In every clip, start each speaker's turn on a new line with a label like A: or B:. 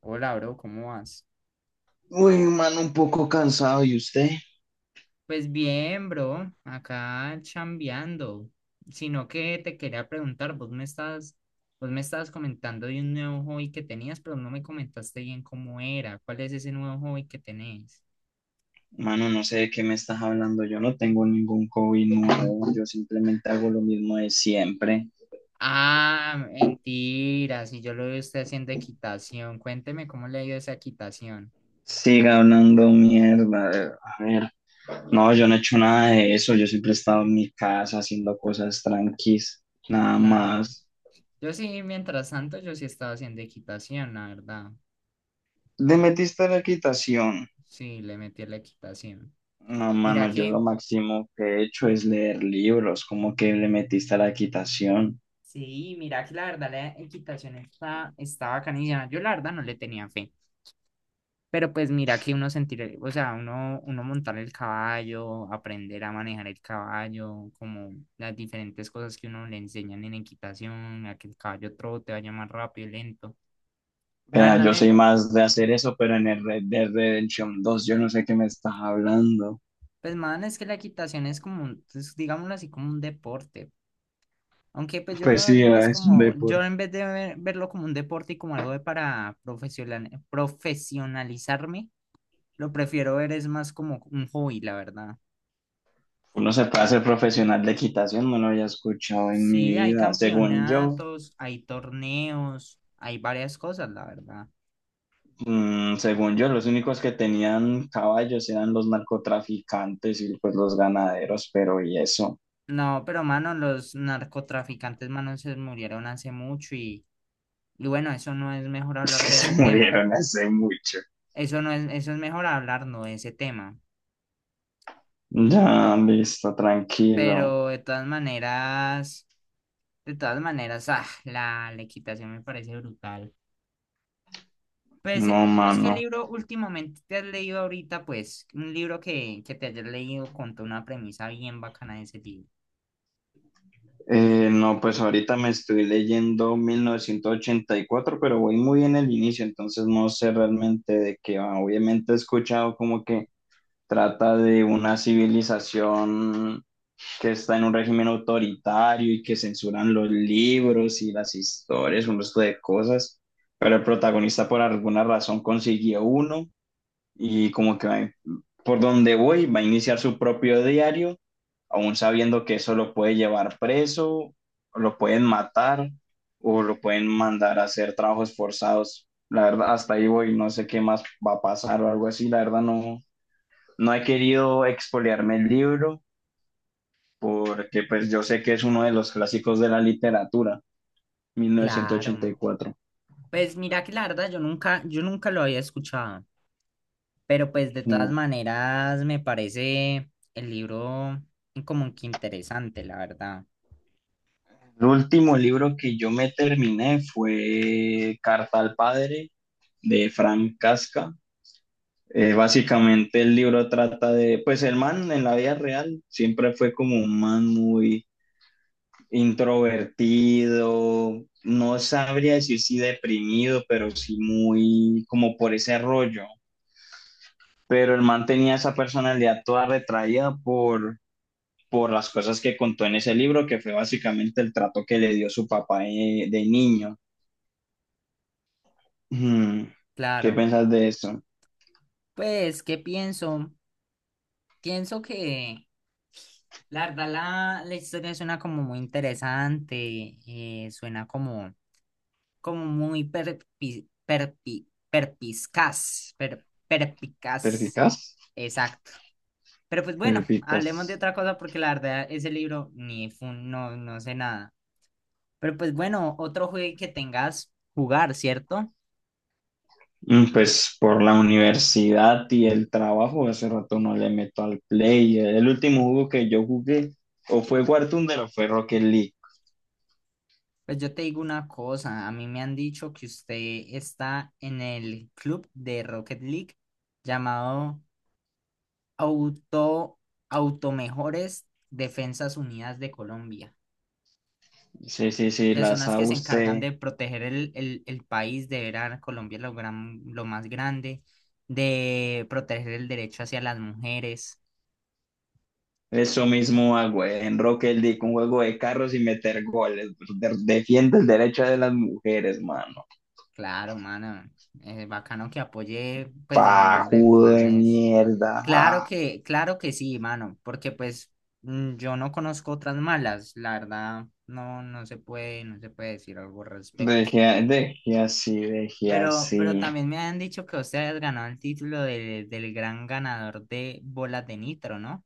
A: Hola, bro, ¿cómo vas?
B: Uy, mano, un poco cansado. ¿Y usted?
A: Pues bien, bro, acá chambeando. Sino que te quería preguntar, vos me estabas comentando de un nuevo hobby que tenías, pero no me comentaste bien cómo era. ¿Cuál es ese nuevo hobby que tenés?
B: Mano, no sé de qué me estás hablando. Yo no tengo ningún hobby nuevo. Yo simplemente hago lo mismo de siempre.
A: Ah, mentira, si yo lo veo usted haciendo equitación. Cuénteme cómo le ha ido esa equitación.
B: Siga hablando mierda. A ver, no, yo no he hecho nada de eso. Yo siempre he estado en mi casa haciendo cosas tranquis. Nada
A: Claro.
B: más.
A: Yo sí, mientras tanto, yo sí estaba haciendo equitación, la verdad.
B: ¿Le metiste a la equitación?
A: Sí, le metí a la equitación.
B: No,
A: Mira
B: mano, yo lo
A: que
B: máximo que he hecho es leer libros. ¿Cómo que le metiste a la equitación?
A: Sí, mira que la verdad la equitación está bacanísima. Yo la verdad no le tenía fe. Pero pues mira que uno sentir, o sea, uno montar el caballo, aprender a manejar el caballo, como las diferentes cosas que uno le enseñan en equitación, a que el caballo trote, vaya más rápido, lento. La
B: Vea,
A: verdad
B: yo
A: me,
B: soy más de hacer eso, pero en el Red Dead Redemption 2, yo no sé qué me estás hablando.
A: pues más es que la equitación es como, es, digámoslo así, como un deporte. Aunque pues yo lo
B: Pues
A: veo
B: sí,
A: más
B: ah, es un
A: como, yo
B: deporte.
A: en vez de verlo como un deporte y como algo de para profesionalizarme. Lo prefiero ver, es más como un hobby, la verdad.
B: Uno se puede hacer profesional de equitación, no lo había escuchado en mi
A: Sí, hay
B: vida. Según yo,
A: campeonatos, hay torneos, hay varias cosas, la verdad.
B: según yo, los únicos que tenían caballos eran los narcotraficantes y pues los ganaderos, pero y eso,
A: No, pero mano, los narcotraficantes, mano, se murieron hace mucho, y bueno, eso no es mejor
B: es
A: hablar
B: que
A: de
B: se
A: ese tema.
B: murieron hace mucho.
A: Eso es mejor hablar no de ese tema.
B: Ya, listo, tranquilo.
A: Pero de todas maneras, la equitación me parece brutal. Pues,
B: No,
A: ¿vos qué
B: mano.
A: libro últimamente te has leído ahorita? Pues, un libro que te hayas leído contó una premisa bien bacana de ese libro.
B: No, pues ahorita me estoy leyendo 1984, pero voy muy en el inicio, entonces no sé realmente de qué va. Obviamente he escuchado como que trata de una civilización que está en un régimen autoritario y que censuran los libros y las historias, un resto de cosas, pero el protagonista por alguna razón consiguió uno y por donde voy va a iniciar su propio diario, aún sabiendo que eso lo puede llevar preso, o lo pueden matar o lo pueden mandar a hacer trabajos forzados. La verdad, hasta ahí voy, no sé qué más va a pasar o algo así. La verdad, no, no he querido expoliarme el libro porque pues yo sé que es uno de los clásicos de la literatura,
A: Claro.
B: 1984.
A: Pues mira que la verdad yo nunca lo había escuchado, pero pues de todas
B: Mm.
A: maneras me parece el libro como que interesante, la verdad.
B: El último libro que yo me terminé fue Carta al Padre de Frank Casca. Básicamente el libro trata de, pues el man en la vida real siempre fue como un man muy introvertido, no sabría decir si deprimido, pero sí muy como por ese rollo. Pero el man tenía esa personalidad toda retraída por las cosas que contó en ese libro, que fue básicamente el trato que le dio su papá de niño. Hmm. ¿Qué
A: Claro.
B: piensas de eso?
A: Pues, ¿qué pienso? Pienso que la verdad la historia suena como muy interesante, suena como muy perpicaz.
B: ¿Perficaz?
A: Exacto. Pero pues bueno, hablemos de
B: Perficaz.
A: otra cosa porque la verdad ese libro ni fun, no, no sé nada. Pero pues bueno, otro juego que tengas jugar, ¿cierto?
B: Pues por la universidad y el trabajo, hace rato no le meto al play. El último juego que yo jugué o fue War o fue Rocket League.
A: Pues yo te digo una cosa, a mí me han dicho que usted está en el club de Rocket League llamado Auto Automejores Defensas Unidas de Colombia,
B: Sí, sí, sí,
A: que
B: la
A: son las que
B: sabe
A: se encargan
B: usted.
A: de proteger el país, de ver a Colombia lo más grande, de proteger el derecho hacia las mujeres.
B: Eso mismo hago en Rocket League, un juego de carros y meter goles. Pues, defiende el derecho de las mujeres, mano.
A: Claro, mano, es bacano que apoye, pues, en el nombre del
B: Pajudo
A: clan
B: de
A: es.
B: mierda.
A: Claro
B: Ah.
A: que, claro que sí, mano, porque pues yo no conozco otras malas, la verdad, no, no se puede decir algo al respecto.
B: Dejé, dejé así, dejé
A: Pero
B: así.
A: también me han dicho que usted has ganado el título del gran ganador de bolas de nitro, ¿no?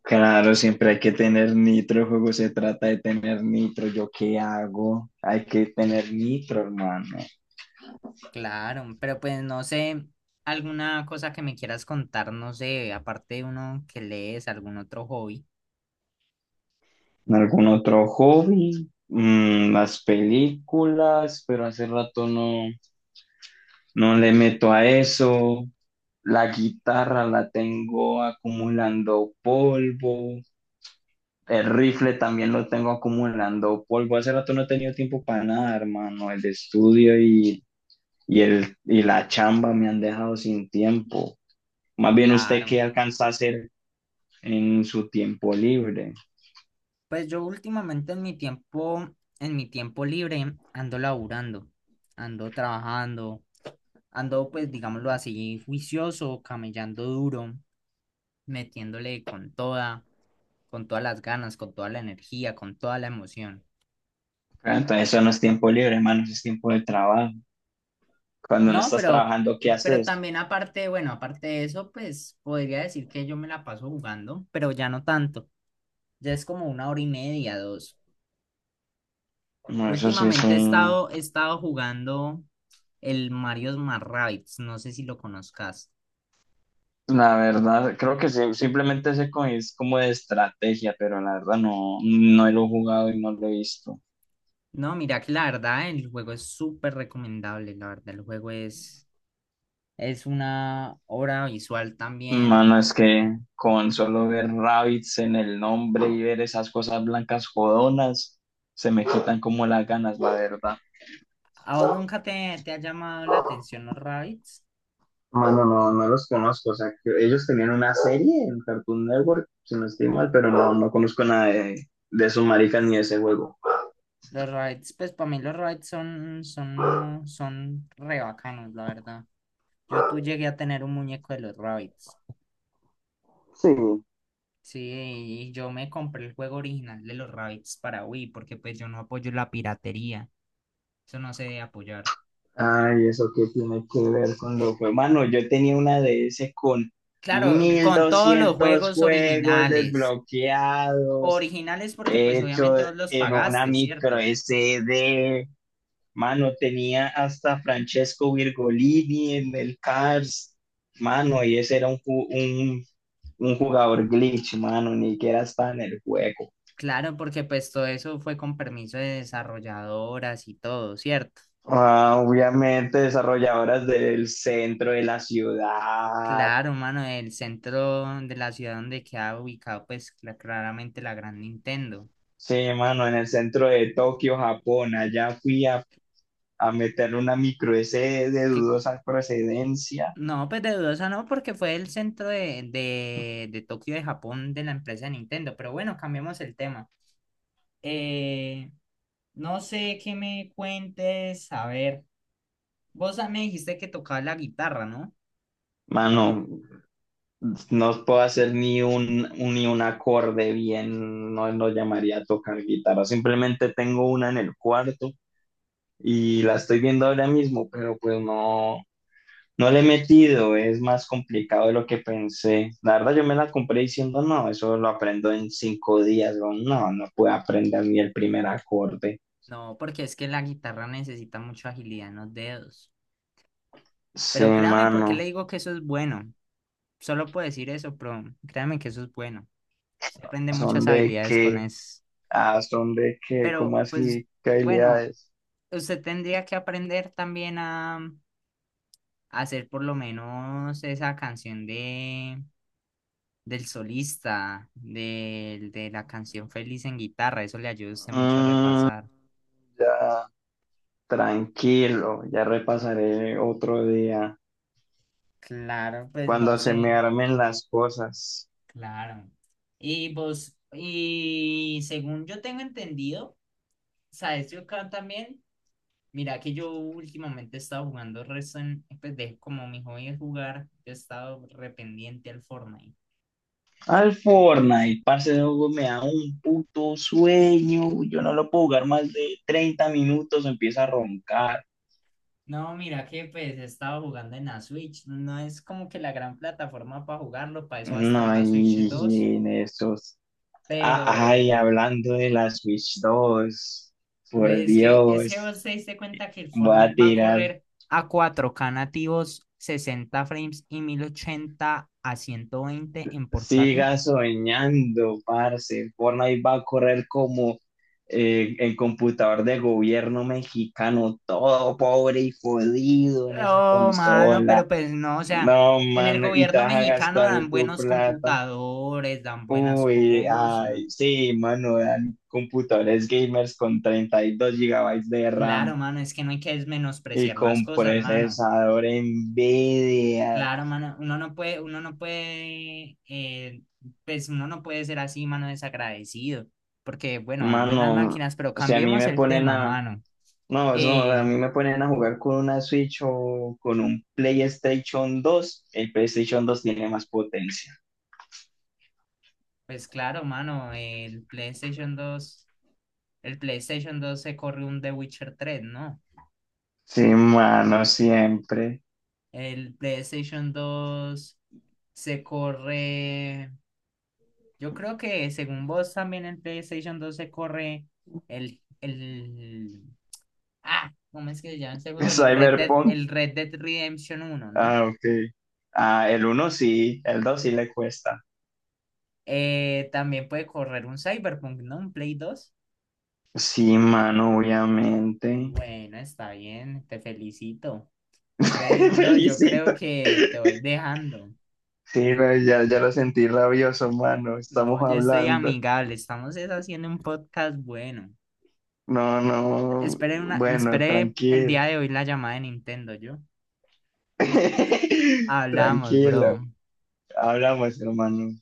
B: Claro, siempre hay que tener nitro, el juego se trata de tener nitro. ¿Yo qué hago? Hay que tener nitro, hermano.
A: Claro, pero pues no sé, alguna cosa que me quieras contar, no sé, aparte de uno que lees, algún otro hobby.
B: ¿Algún otro hobby? Las películas, pero hace rato no, no le meto a eso. La guitarra la tengo acumulando polvo. El rifle también lo tengo acumulando polvo. Hace rato no he tenido tiempo para nada, hermano. El estudio y la chamba me han dejado sin tiempo. Más bien usted
A: Claro,
B: qué alcanza a hacer en su tiempo libre.
A: pues yo últimamente en mi tiempo libre, ando laburando, ando trabajando, ando pues digámoslo así, juicioso, camellando duro, metiéndole con toda, con todas las ganas, con toda la energía, con toda la emoción.
B: Ah, entonces eso no es tiempo libre, hermano, eso es tiempo de trabajo. Cuando no
A: No,
B: estás
A: pero,
B: trabajando, ¿qué
A: pero
B: haces?
A: también aparte, bueno, aparte de eso, pues podría decir que yo me la paso jugando, pero ya no tanto. Ya es como una hora y media, dos.
B: Bueno, eso sí es
A: Últimamente he
B: un...
A: estado, he estado jugando el Mario Smart Rabbids, no sé si lo conozcas.
B: La verdad, creo que sí, simplemente es como de estrategia, pero la verdad no, no lo he jugado y no lo he visto.
A: No, mira que la verdad, el juego es súper recomendable, la verdad, el juego es una obra visual también.
B: Mano, es que con solo ver rabbits en el nombre y ver esas cosas blancas jodonas, se me quitan como las ganas, la verdad.
A: ¿A vos nunca te ha llamado la atención los Rabbids?
B: Mano, no, no los conozco, o sea, que ellos tenían una serie en Cartoon Network, si no estoy mal, pero no, no conozco nada de esos maricas ni de ese juego.
A: Los rides, pues para mí los rides son re bacanos, la verdad. Yo tú llegué a tener un muñeco de los Rabbids.
B: Sí,
A: Sí, y yo me compré el juego original de los Rabbids para Wii, porque pues yo no apoyo la piratería. Eso no se debe apoyar.
B: ay, ¿eso qué tiene que ver con
A: Eh,
B: los juegos? Mano, yo tenía una de ese con
A: claro,
B: mil
A: con todos los
B: doscientos
A: juegos
B: juegos
A: originales.
B: desbloqueados,
A: Originales porque pues
B: hecho
A: obviamente vos los
B: en una
A: pagaste,
B: micro
A: ¿cierto?
B: SD. Mano, tenía hasta Francesco Virgolini en el Cars, mano, y ese era un jugador glitch, mano, ni que era hasta en el juego.
A: Claro, porque pues todo eso fue con permiso de desarrolladoras y todo, ¿cierto?
B: Ah, obviamente desarrolladoras del centro de la ciudad.
A: Claro, mano, el centro de la ciudad donde queda ubicado, pues claramente la gran Nintendo.
B: Sí, mano, en el centro de Tokio, Japón. Allá fui a meter una micro S de
A: Cl-
B: dudosa procedencia.
A: no, pues de dudosa no, porque fue el centro de Tokio de Japón de la empresa de Nintendo. Pero bueno, cambiamos el tema. Eh, no sé qué me cuentes. A ver, vos me dijiste que tocabas la guitarra, ¿no?
B: Mano, no puedo hacer ni un ni un acorde bien, no lo llamaría tocar guitarra. Simplemente tengo una en el cuarto y la estoy viendo ahora mismo, pero pues no, no le he metido, es más complicado de lo que pensé. La verdad, yo me la compré diciendo, no, eso lo aprendo en 5 días. Weón. No, no puedo aprender ni el primer acorde.
A: No, porque es que la guitarra necesita mucha agilidad en los dedos.
B: Sí,
A: Pero créame, porque le
B: mano,
A: digo que eso es bueno. Solo puedo decir eso, pero créame que eso es bueno. Usted aprende
B: son
A: muchas
B: de
A: habilidades con
B: qué
A: eso.
B: son de qué, ¿cómo
A: Pero, pues,
B: así? ¿Qué
A: bueno,
B: habilidades?
A: usted tendría que aprender también a hacer por lo menos esa canción de del solista, la canción Feliz en guitarra. Eso le ayuda a usted mucho a
B: Mm,
A: repasar.
B: ya. Tranquilo, ya repasaré otro día
A: Claro, pues no
B: cuando se me
A: sé.
B: armen las cosas.
A: Claro. Y vos, y según yo tengo entendido, ¿sabes? Yo acá también. Mira que yo últimamente he estado jugando Resident, como mi hobby es jugar, yo he estado rependiente al Fortnite.
B: Al Fortnite, parce, ese juego me da un puto sueño. Yo no lo puedo jugar más de 30 minutos, empieza a roncar.
A: No, mira que pues he estado jugando en la Switch, no es como que la gran plataforma para jugarlo, para eso va a estar
B: No,
A: la Switch 2.
B: y en esos. Ah, ay,
A: Pero
B: hablando de la Switch 2, por
A: ves que es que
B: Dios,
A: vos te diste cuenta que el
B: voy a
A: Fortnite va a
B: tirar.
A: correr a 4K nativos, 60 frames y 1080 a 120 en portátil.
B: Siga soñando, parce. Fortnite va a correr como el computador de gobierno mexicano, todo pobre y jodido en esa
A: Oh, mano, pero
B: consola.
A: pues no, o sea,
B: No,
A: en el
B: mano, y te
A: gobierno
B: vas a
A: mexicano
B: gastar
A: dan
B: tu
A: buenos
B: plata.
A: computadores, dan buenas
B: Uy,
A: cosas.
B: ay, sí, mano, dan computadores gamers con 32 gigabytes de
A: Claro,
B: RAM
A: mano, es que no hay que
B: y
A: menospreciar las
B: con
A: cosas, mano.
B: procesador NVIDIA.
A: Claro, mano, uno no puede, pues uno no puede ser así, mano, desagradecido, porque bueno, dan buenas
B: Mano,
A: máquinas, pero
B: o sea, a mí
A: cambiemos
B: me
A: el
B: ponen
A: tema,
B: a
A: mano.
B: no, eso no, o sea, a
A: Eh,
B: mí me ponen a jugar con una Switch o con un PlayStation 2. El PlayStation 2 tiene más potencia.
A: pues claro, mano, el PlayStation dos se corre un The Witcher 3, ¿no?
B: Sí, mano, siempre.
A: El PlayStation 2 se corre, yo creo que según vos también el PlayStation 2 se corre el, el, ¿cómo es que se llama ese juego? El Red Dead,
B: Cyberpunk.
A: el Red Dead Redemption uno, ¿no?
B: Ah, ok. Ah, el uno sí, el dos sí le cuesta.
A: También puede correr un Cyberpunk, ¿no? Un Play dos.
B: Sí, mano, obviamente.
A: Bueno, está bien, te felicito. Entonces, bro, yo creo
B: Felicito.
A: que te voy dejando.
B: Sí, no, ya, ya lo sentí rabioso, mano. Estamos
A: No, yo estoy
B: hablando.
A: amigable, estamos es haciendo un podcast bueno.
B: No, no. Bueno,
A: Esperé el
B: tranquilo.
A: día de hoy la llamada de Nintendo, yo. Hablamos,
B: Tranquilo.
A: bro.
B: Hablamos, hermano.